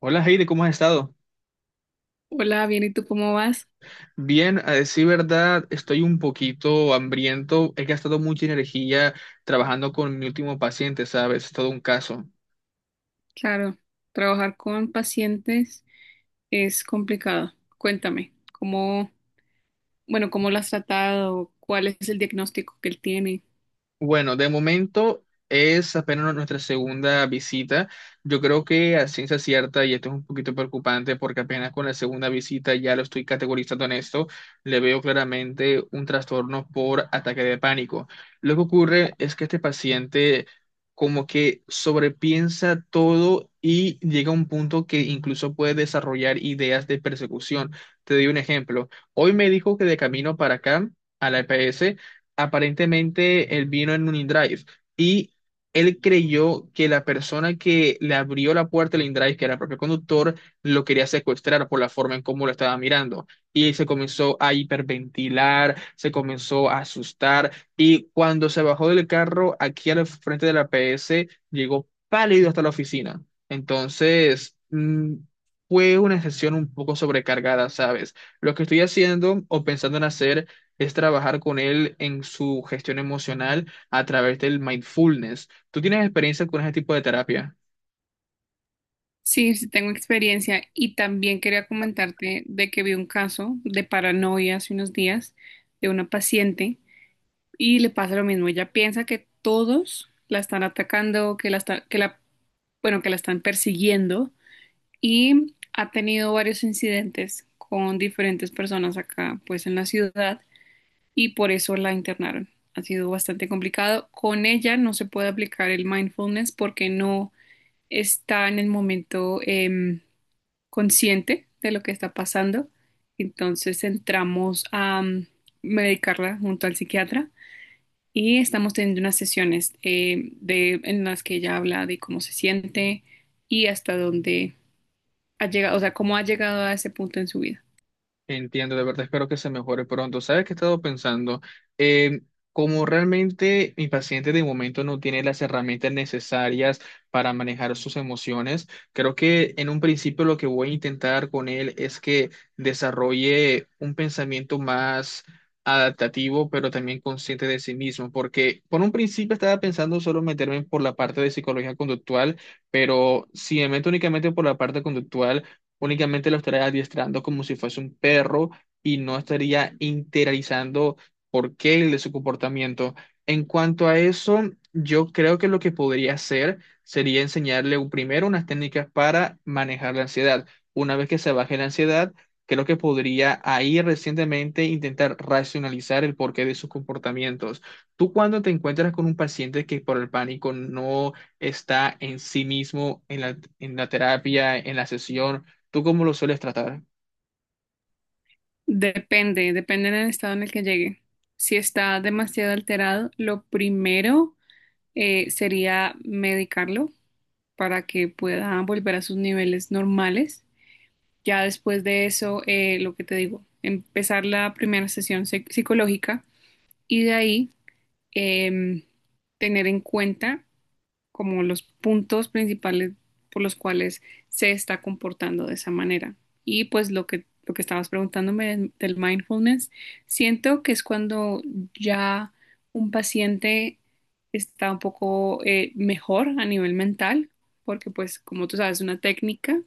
Hola Heidi, ¿cómo has estado? Hola, bien, ¿y tú cómo vas? Bien, a decir verdad, estoy un poquito hambriento. He gastado mucha energía trabajando con mi último paciente, ¿sabes? Es todo un caso. Claro, trabajar con pacientes es complicado. Cuéntame, ¿cómo lo has tratado? ¿Cuál es el diagnóstico que él tiene? Bueno, de momento es apenas nuestra segunda visita. Yo creo que a ciencia cierta, y esto es un poquito preocupante porque apenas con la segunda visita ya lo estoy categorizando en esto, le veo claramente un trastorno por ataque de pánico. Lo que ocurre es que este paciente como que sobrepiensa todo y llega a un punto que incluso puede desarrollar ideas de persecución. Te doy un ejemplo. Hoy me dijo que de camino para acá, a la EPS, aparentemente él vino en un InDrive y él creyó que la persona que le abrió la puerta del InDrive, que era el propio conductor, lo quería secuestrar por la forma en cómo lo estaba mirando. Y se comenzó a hiperventilar, se comenzó a asustar y cuando se bajó del carro aquí al frente de la PS, llegó pálido hasta la oficina. Entonces... mm, Fue una sesión un poco sobrecargada, ¿sabes? Lo que estoy haciendo o pensando en hacer es trabajar con él en su gestión emocional a través del mindfulness. ¿Tú tienes experiencia con ese tipo de terapia? Sí, sí tengo experiencia y también quería comentarte de que vi un caso de paranoia hace unos días de una paciente y le pasa lo mismo. Ella piensa que todos la están atacando, que la están persiguiendo y ha tenido varios incidentes con diferentes personas acá, pues en la ciudad, y por eso la internaron. Ha sido bastante complicado. Con ella no se puede aplicar el mindfulness porque no está en el momento consciente de lo que está pasando. Entonces entramos a medicarla junto al psiquiatra y estamos teniendo unas sesiones en las que ella habla de cómo se siente y hasta dónde ha llegado, o sea, cómo ha llegado a ese punto en su vida. Entiendo, de verdad espero que se mejore pronto. ¿Sabes qué he estado pensando? Eh, Como realmente mi paciente de momento no tiene las herramientas necesarias para manejar sus emociones, creo que en un principio lo que voy a intentar con él es que desarrolle un pensamiento más adaptativo, pero también consciente de sí mismo, porque por un principio estaba pensando solo meterme por la parte de psicología conductual, pero si me meto únicamente por la parte conductual, únicamente lo estaría adiestrando como si fuese un perro y no estaría interiorizando por qué de su comportamiento. En cuanto a eso, yo creo que lo que podría hacer sería enseñarle primero unas técnicas para manejar la ansiedad. Una vez que se baje la ansiedad, creo que podría ahí recientemente intentar racionalizar el porqué de sus comportamientos. Tú cuando te encuentras con un paciente que por el pánico no está en sí mismo en en la terapia, en la sesión, ¿tú cómo lo sueles tratar? Depende, depende del estado en el que llegue. Si está demasiado alterado, lo primero sería medicarlo para que pueda volver a sus niveles normales. Ya después de eso, lo que te digo, empezar la primera psicológica y de ahí em, tener en cuenta como los puntos principales por los cuales se está comportando de esa manera. Y pues lo que estabas preguntándome del mindfulness, siento que es cuando ya un paciente está un poco mejor a nivel mental, porque pues como tú sabes, es una técnica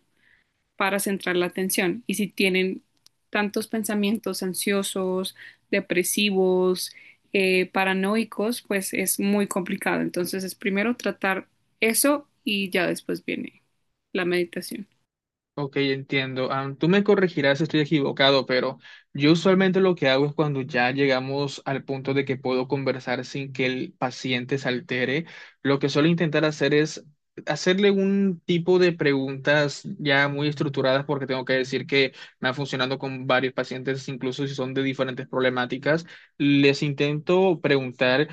para centrar la atención. Y si tienen tantos pensamientos ansiosos, depresivos, paranoicos, pues es muy complicado. Entonces es primero tratar eso y ya después viene la meditación. Ok, entiendo. Tú me corregirás si estoy equivocado, pero yo usualmente lo que hago es cuando ya llegamos al punto de que puedo conversar sin que el paciente se altere, lo que suelo intentar hacer es hacerle un tipo de preguntas ya muy estructuradas, porque tengo que decir que me ha funcionado con varios pacientes, incluso si son de diferentes problemáticas. Les intento preguntar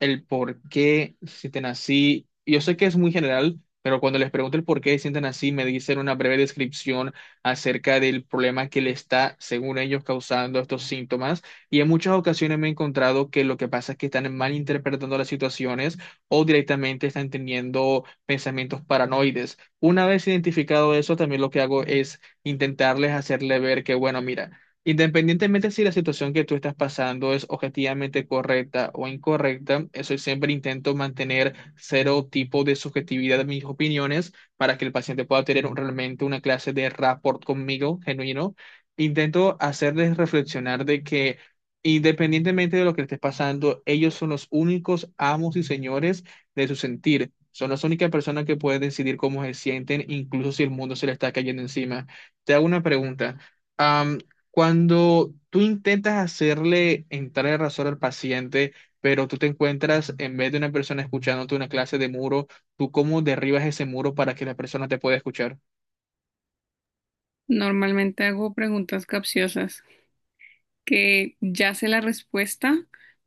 el por qué sienten así. Yo sé que es muy general, pero cuando les pregunto el por qué se sienten así, me dicen una breve descripción acerca del problema que le está, según ellos, causando estos síntomas. Y en muchas ocasiones me he encontrado que lo que pasa es que están malinterpretando las situaciones o directamente están teniendo pensamientos paranoides. Una vez identificado eso, también lo que hago es intentarles hacerle ver que, bueno, mira, independientemente si la situación que tú estás pasando es objetivamente correcta o incorrecta, eso siempre intento mantener cero tipo de subjetividad en mis opiniones para que el paciente pueda tener realmente una clase de rapport conmigo genuino. Intento hacerles reflexionar de que independientemente de lo que estés pasando, ellos son los únicos amos y señores de su sentir. Son las únicas personas que pueden decidir cómo se sienten, incluso si el mundo se le está cayendo encima. Te hago una pregunta. Cuando tú intentas hacerle entrar en razón al paciente, pero tú te encuentras en vez de una persona escuchándote una clase de muro, ¿tú cómo derribas ese muro para que la persona te pueda escuchar? Normalmente hago preguntas capciosas, que ya sé la respuesta,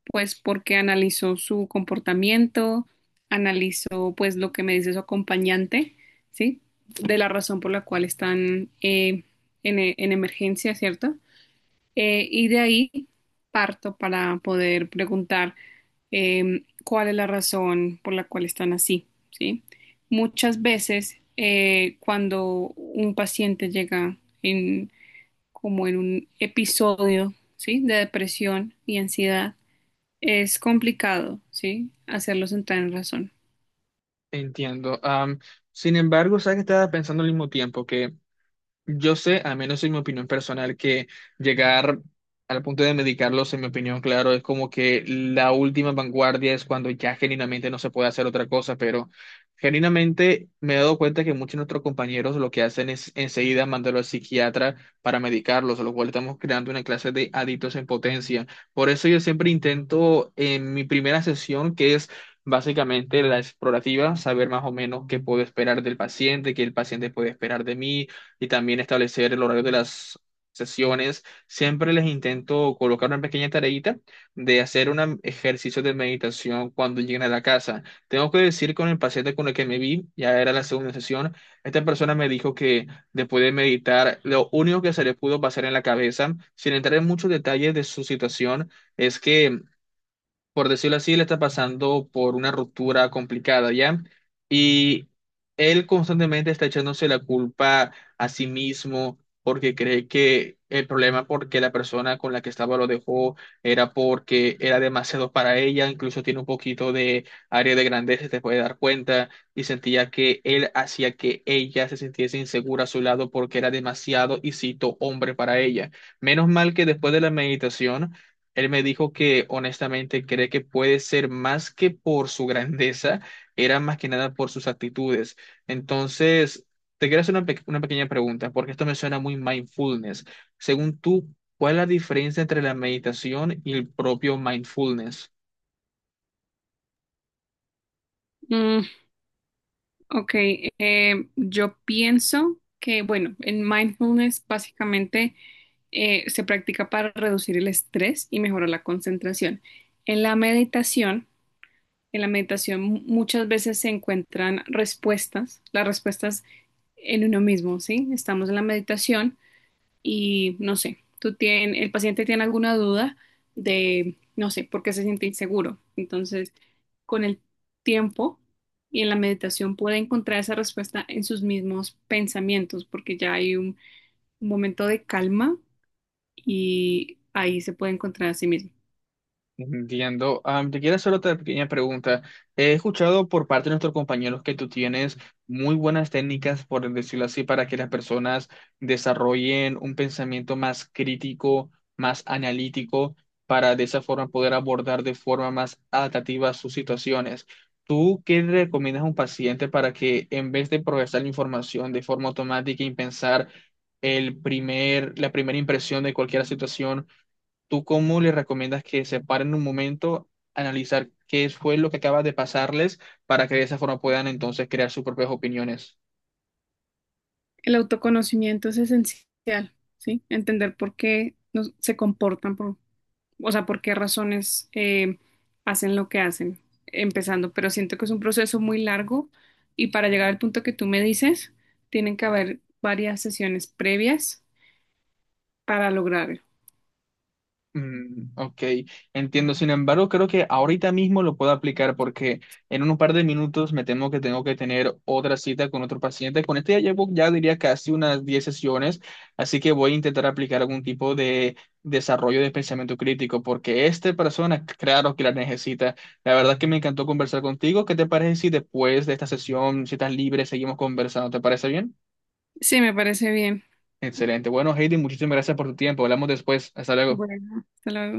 pues porque analizó su comportamiento, analizó pues lo que me dice su acompañante, ¿sí? De la razón por la cual están en emergencia, ¿cierto? Y de ahí parto para poder preguntar cuál es la razón por la cual están así, ¿sí? Muchas veces cuando un paciente llega como en un episodio, ¿sí? De depresión y ansiedad, es complicado, ¿sí? Hacerlos entrar en razón. Entiendo. Sin embargo, sabes que estaba pensando al mismo tiempo que yo sé, al menos en mi opinión personal, que llegar al punto de medicarlos, en mi opinión, claro, es como que la última vanguardia es cuando ya genuinamente no se puede hacer otra cosa, pero genuinamente me he dado cuenta que muchos de nuestros compañeros lo que hacen es enseguida mandarlo al psiquiatra para medicarlos, lo cual estamos creando una clase de adictos en potencia. Por eso yo siempre intento en mi primera sesión, que es... básicamente la explorativa, saber más o menos qué puedo esperar del paciente, qué el paciente puede esperar de mí, y también establecer el horario de las sesiones. Siempre les intento colocar una pequeña tareita de hacer un ejercicio de meditación cuando lleguen a la casa. Tengo que decir con el paciente con el que me vi, ya era la segunda sesión, esta persona me dijo que después de meditar, lo único que se le pudo pasar en la cabeza, sin entrar en muchos detalles de su situación, es que, por decirlo así, le está pasando por una ruptura complicada, ¿ya? Y él constantemente está echándose la culpa a sí mismo porque cree que el problema porque la persona con la que estaba lo dejó era porque era demasiado para ella, incluso tiene un poquito de área de grandeza, te puede dar cuenta, y sentía que él hacía que ella se sintiese insegura a su lado porque era demasiado, y cito, hombre para ella. Menos mal que después de la meditación, él me dijo que honestamente cree que puede ser más que por su grandeza, era más que nada por sus actitudes. Entonces, te quiero hacer una pequeña pregunta, porque esto me suena muy mindfulness. Según tú, ¿cuál es la diferencia entre la meditación y el propio mindfulness? Mm, ok, yo pienso que, bueno, en mindfulness básicamente se practica para reducir el estrés y mejorar la concentración. En la meditación, en la meditación muchas veces se encuentran respuestas, las respuestas en uno mismo, ¿sí? Estamos en la meditación y no sé, el paciente tiene alguna duda de, no sé, por qué se siente inseguro. Entonces, con el tiempo y en la meditación puede encontrar esa respuesta en sus mismos pensamientos, porque ya hay un momento de calma y ahí se puede encontrar a sí mismo. Entiendo. Ah, te quiero hacer otra pequeña pregunta. He escuchado por parte de nuestros compañeros que tú tienes muy buenas técnicas, por decirlo así, para que las personas desarrollen un pensamiento más crítico, más analítico, para de esa forma poder abordar de forma más adaptativa sus situaciones. ¿Tú qué le recomiendas a un paciente para que en vez de procesar la información de forma automática y pensar la primera impresión de cualquier situación, tú cómo les recomiendas que se paren un momento, analizar qué fue lo que acaba de pasarles para que de esa forma puedan entonces crear sus propias opiniones? El autoconocimiento es esencial, ¿sí? Entender por qué nos- se comportan por, o sea, por qué razones hacen lo que hacen, empezando, pero siento que es un proceso muy largo y para llegar al punto que tú me dices, tienen que haber varias sesiones previas para lograrlo. Mm, ok, entiendo. Sin embargo, creo que ahorita mismo lo puedo aplicar porque en un par de minutos me temo que tengo que tener otra cita con otro paciente. Con este ya llevo, ya diría, casi unas 10 sesiones, así que voy a intentar aplicar algún tipo de desarrollo de pensamiento crítico porque esta persona, claro que la necesita. La verdad que me encantó conversar contigo. ¿Qué te parece si después de esta sesión, si estás libre, seguimos conversando? ¿Te parece bien? Sí, me parece bien. Excelente. Bueno, Heidi, muchísimas gracias por tu tiempo. Hablamos después. Hasta luego. Bueno, hasta luego.